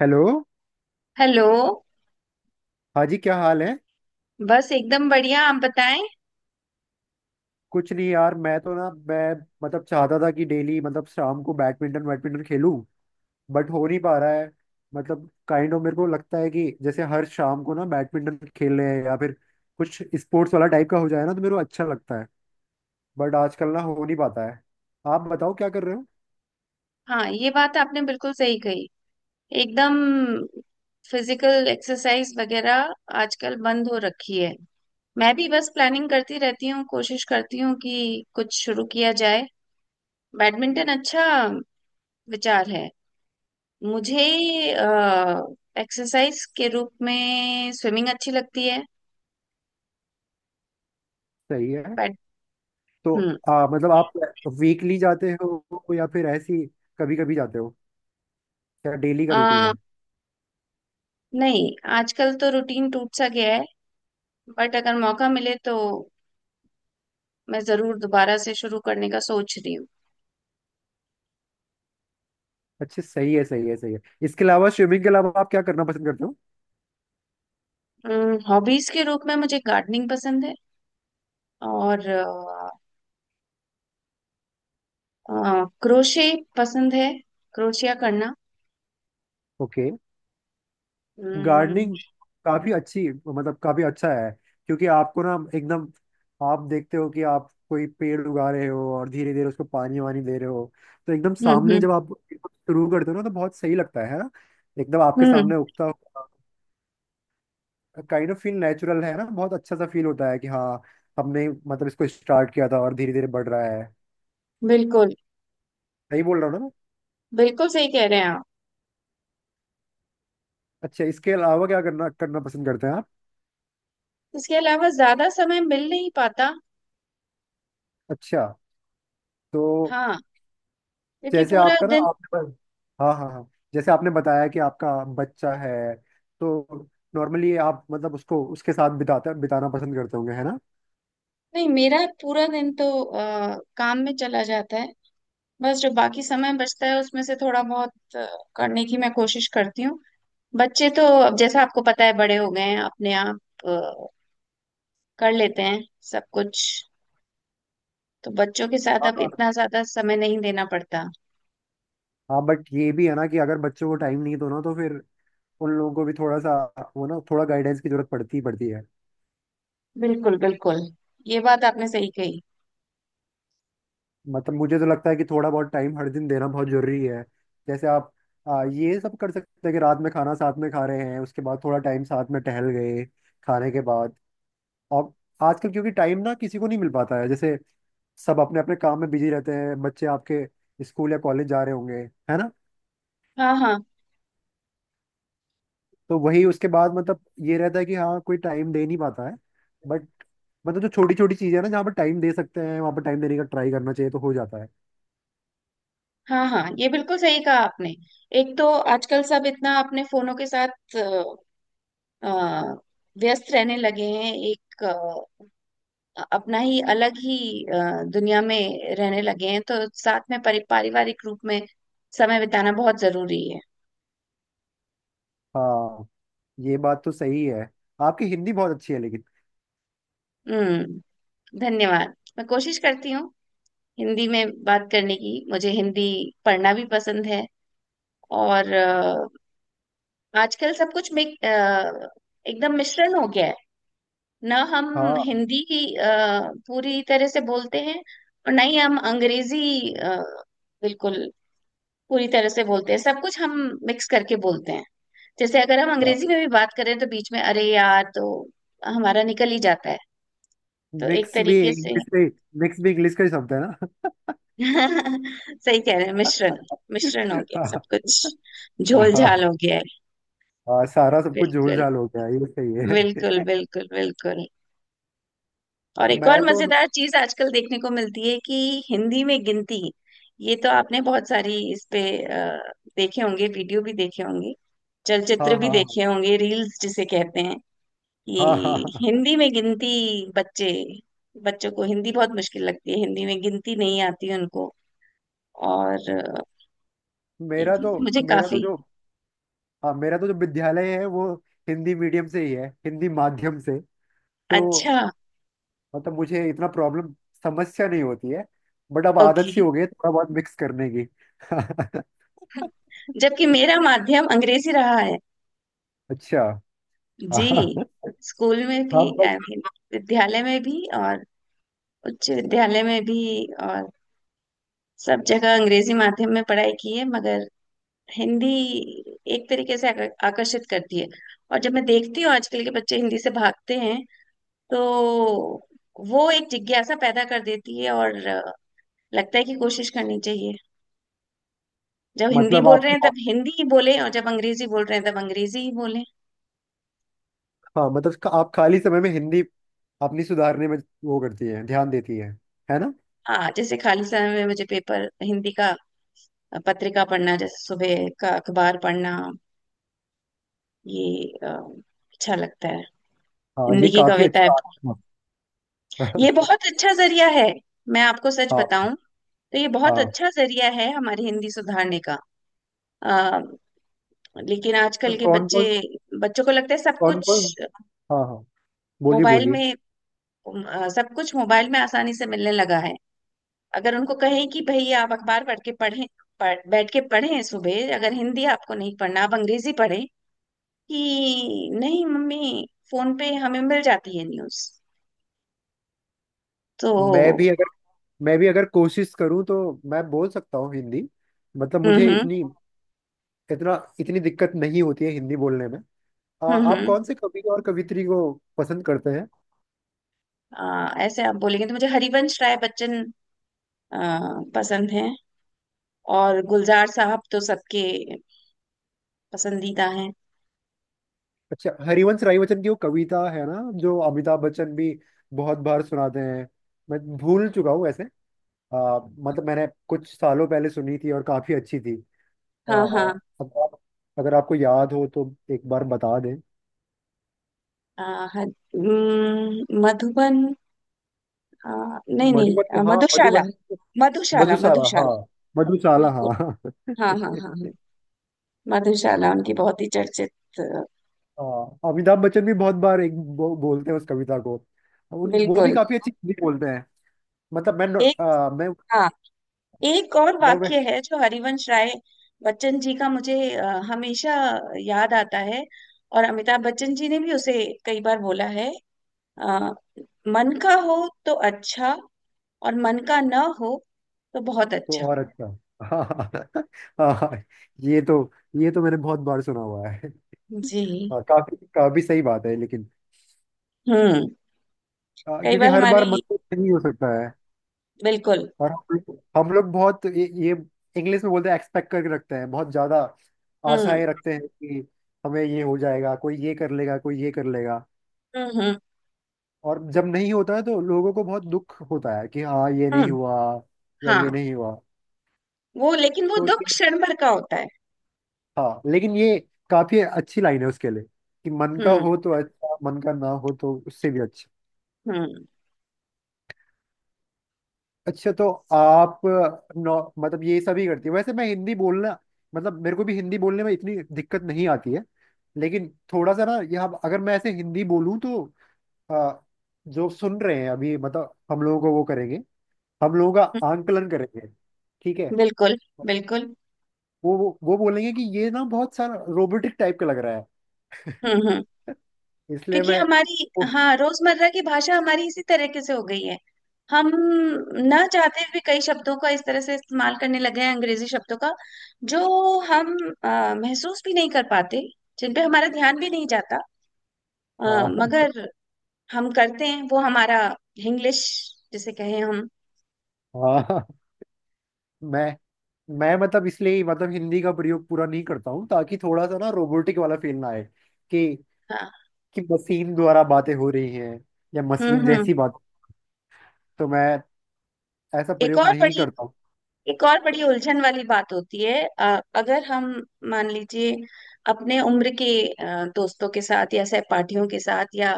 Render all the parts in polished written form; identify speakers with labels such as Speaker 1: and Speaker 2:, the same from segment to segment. Speaker 1: Hello.
Speaker 2: Hello.
Speaker 1: हाँ जी, क्या हाल है?
Speaker 2: बस एकदम बढ़िया, आप बताएं।
Speaker 1: कुछ नहीं यार, मैं तो ना मैं मतलब चाहता था कि डेली मतलब शाम को बैडमिंटन बैडमिंटन खेलूं। बट हो नहीं पा रहा है। मतलब काइंड ऑफ मेरे को लगता है कि जैसे हर शाम को ना बैडमिंटन खेल रहे हैं या फिर कुछ स्पोर्ट्स वाला टाइप का हो जाए ना तो मेरे को अच्छा लगता है। बट आजकल ना हो नहीं पाता है। आप बताओ, क्या कर रहे हो?
Speaker 2: हाँ, ये बात आपने बिल्कुल सही कही। एकदम। फिजिकल एक्सरसाइज वगैरह आजकल बंद हो रखी है। मैं भी बस प्लानिंग करती रहती हूँ, कोशिश करती हूँ कि कुछ शुरू किया जाए। बैडमिंटन अच्छा विचार है। मुझे एक्सरसाइज के रूप में स्विमिंग अच्छी लगती है,
Speaker 1: सही है।
Speaker 2: बट।
Speaker 1: तो
Speaker 2: हम्म।
Speaker 1: मतलब आप वीकली जाते हो या फिर ऐसी कभी कभी जाते हो? क्या डेली का रूटीन
Speaker 2: अ,
Speaker 1: है?
Speaker 2: नहीं, आजकल तो रूटीन टूट सा गया है। बट अगर मौका मिले तो मैं जरूर दोबारा से शुरू करने का सोच रही
Speaker 1: अच्छा, सही है, सही है, सही है। इसके अलावा, स्विमिंग के अलावा आप क्या करना पसंद करते हो?
Speaker 2: हूँ। हॉबीज के रूप में मुझे गार्डनिंग पसंद है। और क्रोशे पसंद है, क्रोशिया करना।
Speaker 1: ओके।
Speaker 2: हम्म
Speaker 1: गार्डनिंग काफी अच्छी, मतलब काफी अच्छा है। क्योंकि आपको ना एकदम आप देखते हो कि आप कोई पेड़ उगा रहे हो और धीरे धीरे उसको पानी वानी दे रहे हो, तो एकदम
Speaker 2: हम्म।
Speaker 1: सामने जब आप शुरू करते हो ना तो बहुत सही लगता है ना? एकदम आपके
Speaker 2: हम्म,
Speaker 1: सामने उगता हुआ। काइंड ऑफ फील नेचुरल है ना, बहुत अच्छा सा फील होता है कि हाँ, हमने मतलब इसको स्टार्ट किया था और धीरे धीरे बढ़ रहा है।
Speaker 2: बिल्कुल।
Speaker 1: सही बोल रहा हूँ ना मैं?
Speaker 2: बिल्कुल सही कह रहे हैं आप।
Speaker 1: अच्छा, इसके अलावा क्या करना करना पसंद करते हैं आप?
Speaker 2: इसके अलावा ज्यादा समय मिल नहीं पाता।
Speaker 1: अच्छा। तो
Speaker 2: हाँ, क्योंकि
Speaker 1: जैसे
Speaker 2: पूरा
Speaker 1: आपका ना
Speaker 2: दिन।
Speaker 1: आपने हाँ हाँ हाँ। जैसे आपने बताया कि आपका बच्चा है, तो नॉर्मली आप मतलब उसको उसके साथ बिताते बिताना पसंद करते होंगे, है ना?
Speaker 2: नहीं, मेरा पूरा दिन तो काम में चला जाता है। बस जो बाकी समय बचता है उसमें से थोड़ा बहुत करने की मैं कोशिश करती हूँ। बच्चे तो अब जैसा आपको पता है बड़े हो गए हैं, अपने आप अ, कर लेते हैं सब कुछ। तो बच्चों के साथ अब
Speaker 1: हाँ
Speaker 2: इतना ज्यादा समय नहीं देना पड़ता।
Speaker 1: हाँ, बट ये भी है ना कि अगर बच्चों को टाइम नहीं दो ना तो फिर उन लोगों को भी थोड़ा सा वो ना थोड़ा गाइडेंस की जरूरत पड़ती ही पड़ती है।
Speaker 2: बिल्कुल बिल्कुल, ये बात आपने सही कही।
Speaker 1: मतलब मुझे तो लगता है कि थोड़ा बहुत टाइम हर दिन देना बहुत जरूरी है। जैसे आप ये सब कर सकते हैं कि रात में खाना साथ में खा रहे हैं, उसके बाद थोड़ा टाइम साथ में टहल गए खाने के बाद। और आजकल क्योंकि टाइम ना किसी को नहीं मिल पाता है, जैसे सब अपने अपने काम में बिजी रहते हैं, बच्चे आपके स्कूल या कॉलेज जा रहे होंगे, है ना?
Speaker 2: हाँ हाँ
Speaker 1: तो वही उसके बाद मतलब ये रहता है कि हाँ, कोई टाइम दे नहीं पाता है। बट मतलब जो छोटी छोटी चीजें हैं ना जहाँ पर टाइम दे सकते हैं वहाँ पर टाइम देने का ट्राई करना चाहिए, तो हो जाता है।
Speaker 2: हाँ हाँ, ये बिल्कुल सही कहा आपने। एक तो आजकल सब इतना अपने फोनों के साथ अ, व्यस्त रहने लगे हैं। एक अपना ही अलग ही अ, दुनिया में रहने लगे हैं। तो साथ में परि पारिवारिक रूप में समय बिताना बहुत जरूरी है।
Speaker 1: हाँ, ये बात तो सही है। आपकी हिंदी बहुत अच्छी है लेकिन।
Speaker 2: हम्म। धन्यवाद, मैं कोशिश करती हूँ हिंदी में बात करने की। मुझे हिंदी पढ़ना भी पसंद है। और आजकल सब कुछ में एकदम मिश्रण हो गया है। ना हम
Speaker 1: हाँ
Speaker 2: हिंदी पूरी तरह से बोलते हैं और ना ही हम अंग्रेजी बिल्कुल पूरी तरह से बोलते हैं। सब कुछ हम मिक्स करके बोलते हैं। जैसे अगर हम
Speaker 1: हाँ,
Speaker 2: अंग्रेजी में भी बात करें तो बीच में अरे यार तो हमारा निकल ही जाता है। तो एक
Speaker 1: मिक्स भी
Speaker 2: तरीके से
Speaker 1: इंग्लिश में मिक्स भी इंग्लिश का ही शब्द है ना?
Speaker 2: सही कह रहे हैं, मिश्रण। मिश्रण हो गया सब
Speaker 1: हाँ।
Speaker 2: कुछ। झोल
Speaker 1: हाँ,
Speaker 2: झाल हो गया है।
Speaker 1: हाँ, सारा सब कुछ झोल
Speaker 2: बिल्कुल
Speaker 1: झाल हो गया, ये सही
Speaker 2: बिल्कुल
Speaker 1: है।
Speaker 2: बिल्कुल बिल्कुल। और एक और
Speaker 1: मैं तो।
Speaker 2: मजेदार चीज आजकल देखने को मिलती है कि हिंदी में गिनती। ये तो आपने बहुत सारी इस पे देखे होंगे, वीडियो भी देखे होंगे,
Speaker 1: हाँ
Speaker 2: चलचित्र भी
Speaker 1: हाँ हाँ
Speaker 2: देखे होंगे, रील्स जिसे कहते हैं,
Speaker 1: हाँ हाँ
Speaker 2: कि
Speaker 1: हाँ। हाँ।
Speaker 2: हिंदी में गिनती बच्चे बच्चों को हिंदी बहुत मुश्किल लगती है। हिंदी में गिनती नहीं आती उनको। और ये
Speaker 1: मेरा
Speaker 2: चीज
Speaker 1: तो
Speaker 2: मुझे
Speaker 1: मेरा तो
Speaker 2: काफी
Speaker 1: जो हाँ, मेरा तो जो विद्यालय है वो हिंदी मीडियम से ही है, हिंदी माध्यम से। तो
Speaker 2: अच्छा।
Speaker 1: मतलब मुझे इतना प्रॉब्लम समस्या नहीं होती है। बट अब आदत
Speaker 2: ओके।
Speaker 1: सी हो गई है थोड़ा बहुत मिक्स करने की।
Speaker 2: जबकि मेरा माध्यम अंग्रेजी रहा है
Speaker 1: अच्छा।
Speaker 2: जी।
Speaker 1: हाँ
Speaker 2: स्कूल में
Speaker 1: हाँ,
Speaker 2: भी,
Speaker 1: but
Speaker 2: आई मीन, विद्यालय में भी और उच्च विद्यालय में भी। और सब जगह अंग्रेजी माध्यम में पढ़ाई की है, मगर हिंदी एक तरीके से आकर्षित करती है। और जब मैं देखती हूँ आजकल के बच्चे हिंदी से भागते हैं, तो वो एक जिज्ञासा पैदा कर देती है। और लगता है कि कोशिश करनी चाहिए। जब हिंदी
Speaker 1: मतलब
Speaker 2: बोल रहे
Speaker 1: आपकी
Speaker 2: हैं तब हिंदी ही बोले, और जब अंग्रेजी बोल रहे हैं तब अंग्रेजी ही बोले।
Speaker 1: हाँ, आप खाली समय में हिंदी अपनी सुधारने में वो करती है, ध्यान देती है ना?
Speaker 2: हाँ, जैसे खाली समय में मुझे पेपर हिंदी का, पत्रिका पढ़ना, जैसे सुबह का अखबार पढ़ना, ये अ, अच्छा लगता है।
Speaker 1: हाँ,
Speaker 2: हिंदी
Speaker 1: ये
Speaker 2: की
Speaker 1: काफी
Speaker 2: कविताएं
Speaker 1: अच्छा। हाँ।
Speaker 2: ये बहुत अच्छा जरिया है। मैं आपको सच
Speaker 1: हाँ।
Speaker 2: बताऊं तो ये बहुत
Speaker 1: हाँ।
Speaker 2: अच्छा जरिया है हमारी हिंदी सुधारने का। आ, लेकिन
Speaker 1: तो
Speaker 2: आजकल के
Speaker 1: कौन
Speaker 2: बच्चे,
Speaker 1: कौन,
Speaker 2: बच्चों को लगता है सब
Speaker 1: कौन
Speaker 2: कुछ
Speaker 1: कौन, हाँ हाँ, बोलिए
Speaker 2: मोबाइल
Speaker 1: बोलिए।
Speaker 2: में सब कुछ मोबाइल में आसानी से मिलने लगा है। अगर उनको कहें कि भैया आप अखबार पढ़ के पढ़ें, बैठ के पढ़ें सुबह, अगर हिंदी आपको नहीं पढ़ना आप अंग्रेजी पढ़ें, कि नहीं मम्मी, फोन पे हमें मिल जाती है न्यूज।
Speaker 1: मैं भी
Speaker 2: तो
Speaker 1: अगर मैं भी अगर कोशिश करूँ तो मैं बोल सकता हूँ हिंदी। मतलब मुझे
Speaker 2: हम्म।
Speaker 1: इतना इतनी दिक्कत नहीं होती है हिंदी बोलने में।
Speaker 2: हम्म
Speaker 1: आप
Speaker 2: हम्म,
Speaker 1: कौन से कवि और कवित्री को पसंद करते हैं?
Speaker 2: ऐसे आप बोलेंगे तो मुझे हरिवंश राय बच्चन आ, पसंद है। और गुलजार साहब तो सबके पसंदीदा हैं।
Speaker 1: अच्छा, हरिवंश राय बच्चन की वो कविता है ना जो अमिताभ बच्चन भी बहुत बार सुनाते हैं। मैं भूल चुका हूँ वैसे। मतलब मैंने कुछ सालों पहले सुनी थी और काफी अच्छी थी। आ,
Speaker 2: हाँ हाँ।
Speaker 1: अगर आप अगर आपको याद हो तो एक बार बता दें।
Speaker 2: आ, हर- मधुबन, आ, नहीं नहीं,
Speaker 1: मधुबन, हाँ
Speaker 2: मधुशाला।
Speaker 1: मधुबन।
Speaker 2: मधुशाला
Speaker 1: मधुशाला, हाँ
Speaker 2: मधुशाला।
Speaker 1: मधुशाला,
Speaker 2: बिल्कुल।
Speaker 1: हाँ।
Speaker 2: हाँ हाँ हाँ हाँ, मधुशाला उनकी बहुत ही चर्चित। आ,
Speaker 1: हाँ, अमिताभ बच्चन भी बहुत बार बोलते हैं उस कविता को। उन वो भी
Speaker 2: बिल्कुल।
Speaker 1: काफी अच्छी हिंदी बोलते हैं। मतलब
Speaker 2: एक,
Speaker 1: मैं
Speaker 2: हाँ, एक और
Speaker 1: मैं मैं
Speaker 2: वाक्य है जो हरिवंश राय बच्चन जी का मुझे हमेशा याद आता है। और अमिताभ बच्चन जी ने भी उसे कई बार बोला है। अ, मन का हो तो अच्छा, और मन का ना हो तो बहुत
Speaker 1: तो
Speaker 2: अच्छा।
Speaker 1: और अच्छा। हाँ हाँ हाँ, ये तो ये तो मैंने बहुत बार सुना हुआ है।
Speaker 2: जी।
Speaker 1: हाँ, काफी काफी सही बात है लेकिन।
Speaker 2: हम्म। कई
Speaker 1: क्योंकि
Speaker 2: बार
Speaker 1: हर
Speaker 2: हमारी
Speaker 1: बार मत तो नहीं हो सकता।
Speaker 2: बिल्कुल।
Speaker 1: और हम लोग बहुत ये इंग्लिश में बोलते हैं, एक्सपेक्ट करके रखते हैं, बहुत ज्यादा
Speaker 2: हम्म
Speaker 1: आशाएं रखते हैं कि हमें ये हो जाएगा, कोई ये कर लेगा, कोई ये कर लेगा।
Speaker 2: हम्म।
Speaker 1: और जब नहीं होता है तो लोगों को बहुत दुख होता है कि हाँ, ये नहीं
Speaker 2: हम्म।
Speaker 1: हुआ या ये
Speaker 2: हाँ,
Speaker 1: नहीं हुआ।
Speaker 2: वो लेकिन वो
Speaker 1: तो
Speaker 2: दुख
Speaker 1: ये
Speaker 2: क्षण भर का होता है।
Speaker 1: हाँ, लेकिन ये काफी अच्छी लाइन है उसके लिए, कि मन का
Speaker 2: हम्म
Speaker 1: हो तो अच्छा, मन का ना हो तो उससे भी अच्छा।
Speaker 2: हम्म।
Speaker 1: अच्छा, तो आप मतलब ये सभी करती है वैसे। मैं हिंदी बोलना मतलब मेरे को भी हिंदी बोलने में इतनी दिक्कत नहीं आती है, लेकिन थोड़ा सा ना यहाँ अगर मैं ऐसे हिंदी बोलूँ तो आ, जो सुन रहे हैं अभी मतलब हम लोगों को वो करेंगे, हम लोगों का
Speaker 2: हम्म,
Speaker 1: आंकलन करेंगे। ठीक है?
Speaker 2: बिल्कुल बिल्कुल।
Speaker 1: वो बोलेंगे कि ये ना बहुत सारा रोबोटिक टाइप का लग रहा है।
Speaker 2: हम्म।
Speaker 1: इसलिए
Speaker 2: क्योंकि
Speaker 1: मैं
Speaker 2: हमारी,
Speaker 1: ओ,
Speaker 2: हाँ, रोजमर्रा की भाषा हमारी इसी तरीके से हो गई है। हम ना चाहते हुए कई शब्दों का इस तरह से इस्तेमाल करने लगे हैं, अंग्रेजी शब्दों का, जो हम अ, महसूस भी नहीं कर पाते, जिन पे हमारा ध्यान भी नहीं जाता।
Speaker 1: हाँ
Speaker 2: मगर हम करते हैं, वो हमारा इंग्लिश जिसे कहें हम।
Speaker 1: हाँ, मैं मैं मतलब इसलिए ही मतलब हिंदी का प्रयोग पूरा नहीं करता हूँ ताकि थोड़ा सा ना रोबोटिक वाला फील ना आए, कि
Speaker 2: हाँ।
Speaker 1: कि मशीन द्वारा बातें हो रही हैं या मशीन
Speaker 2: हम्म।
Speaker 1: जैसी बात। तो मैं ऐसा
Speaker 2: एक
Speaker 1: प्रयोग
Speaker 2: और
Speaker 1: नहीं
Speaker 2: बड़ी,
Speaker 1: करता हूँ।
Speaker 2: एक और बड़ी उलझन वाली बात होती है अगर हम, मान लीजिए, अपने उम्र के दोस्तों के साथ या सहपाठियों के साथ या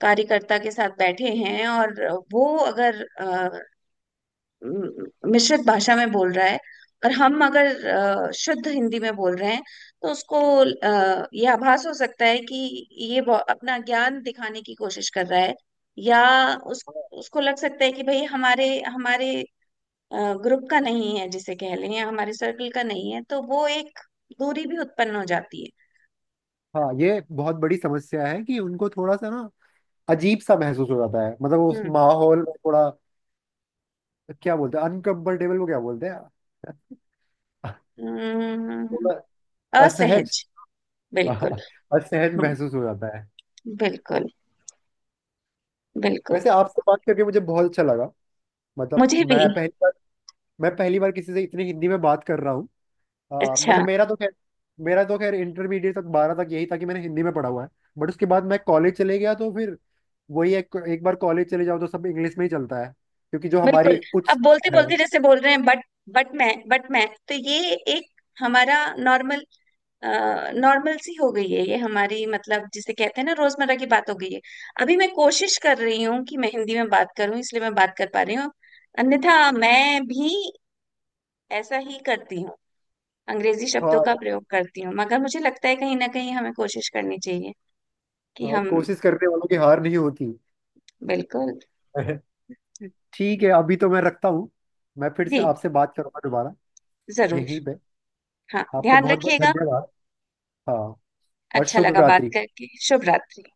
Speaker 2: कार्यकर्ता के साथ बैठे हैं, और वो अगर म- मिश्रित भाषा में बोल रहा है, और हम अगर शुद्ध हिंदी में बोल रहे हैं, तो उसको यह आभास हो सकता है कि ये अपना ज्ञान दिखाने की कोशिश कर रहा है, या उस उसको लग सकता है कि भाई हमारे हमारे ग्रुप का नहीं है जिसे कह लें, या हमारे सर्कल का नहीं है, तो वो एक दूरी भी उत्पन्न हो जाती है।
Speaker 1: हाँ, ये बहुत बड़ी समस्या है कि उनको थोड़ा सा ना अजीब सा महसूस हो जाता है, मतलब उस
Speaker 2: हम्म
Speaker 1: माहौल में थोड़ा। क्या बोलते हैं, अनकंफर्टेबल को क्या बोलते हैं?
Speaker 2: हम्म,
Speaker 1: थोड़ा असहज।
Speaker 2: असहज। बिल्कुल।
Speaker 1: हाँ, असहज
Speaker 2: हम्म,
Speaker 1: महसूस हो जाता है।
Speaker 2: बिल्कुल बिल्कुल।
Speaker 1: वैसे आपसे बात करके मुझे बहुत अच्छा लगा। मतलब
Speaker 2: मुझे
Speaker 1: मैं
Speaker 2: भी
Speaker 1: पहली बार मैं पहली बार किसी से इतनी हिंदी में बात कर रहा हूँ।
Speaker 2: अच्छा।
Speaker 1: मतलब मेरा तो खैर इंटरमीडिएट तक 12 तक यही था कि मैंने हिंदी में पढ़ा हुआ है। बट उसके बाद मैं कॉलेज चले गया, तो फिर वही एक बार कॉलेज चले जाओ तो सब इंग्लिश में ही चलता है, क्योंकि जो
Speaker 2: बिल्कुल।
Speaker 1: हमारी उच्च
Speaker 2: अब बोलते
Speaker 1: शिक्षा है।
Speaker 2: बोलते जैसे बोल रहे हैं बट, बट मैं तो, ये एक हमारा नॉर्मल, नॉर्मल सी हो गई है ये हमारी, मतलब जिसे कहते हैं ना रोजमर्रा की बात हो गई है। अभी मैं कोशिश कर रही हूँ कि मैं हिंदी में बात करूं, इसलिए मैं बात कर पा रही हूँ। अन्यथा मैं भी ऐसा ही करती हूँ, अंग्रेजी शब्दों
Speaker 1: हाँ
Speaker 2: का प्रयोग करती हूँ, मगर मुझे लगता है कहीं ना कहीं हमें कोशिश करनी चाहिए कि
Speaker 1: हाँ,
Speaker 2: हम,
Speaker 1: कोशिश करने वालों की हार नहीं होती।
Speaker 2: बिल्कुल।
Speaker 1: ठीक है, अभी तो मैं रखता हूँ। मैं फिर से
Speaker 2: जी,
Speaker 1: आपसे बात करूंगा दोबारा,
Speaker 2: जरूर।
Speaker 1: यहीं पे।
Speaker 2: हाँ,
Speaker 1: आपका
Speaker 2: ध्यान
Speaker 1: बहुत बहुत
Speaker 2: रखिएगा।
Speaker 1: धन्यवाद। हाँ, और
Speaker 2: अच्छा
Speaker 1: शुभ
Speaker 2: लगा बात
Speaker 1: रात्रि।
Speaker 2: करके। शुभ रात्रि।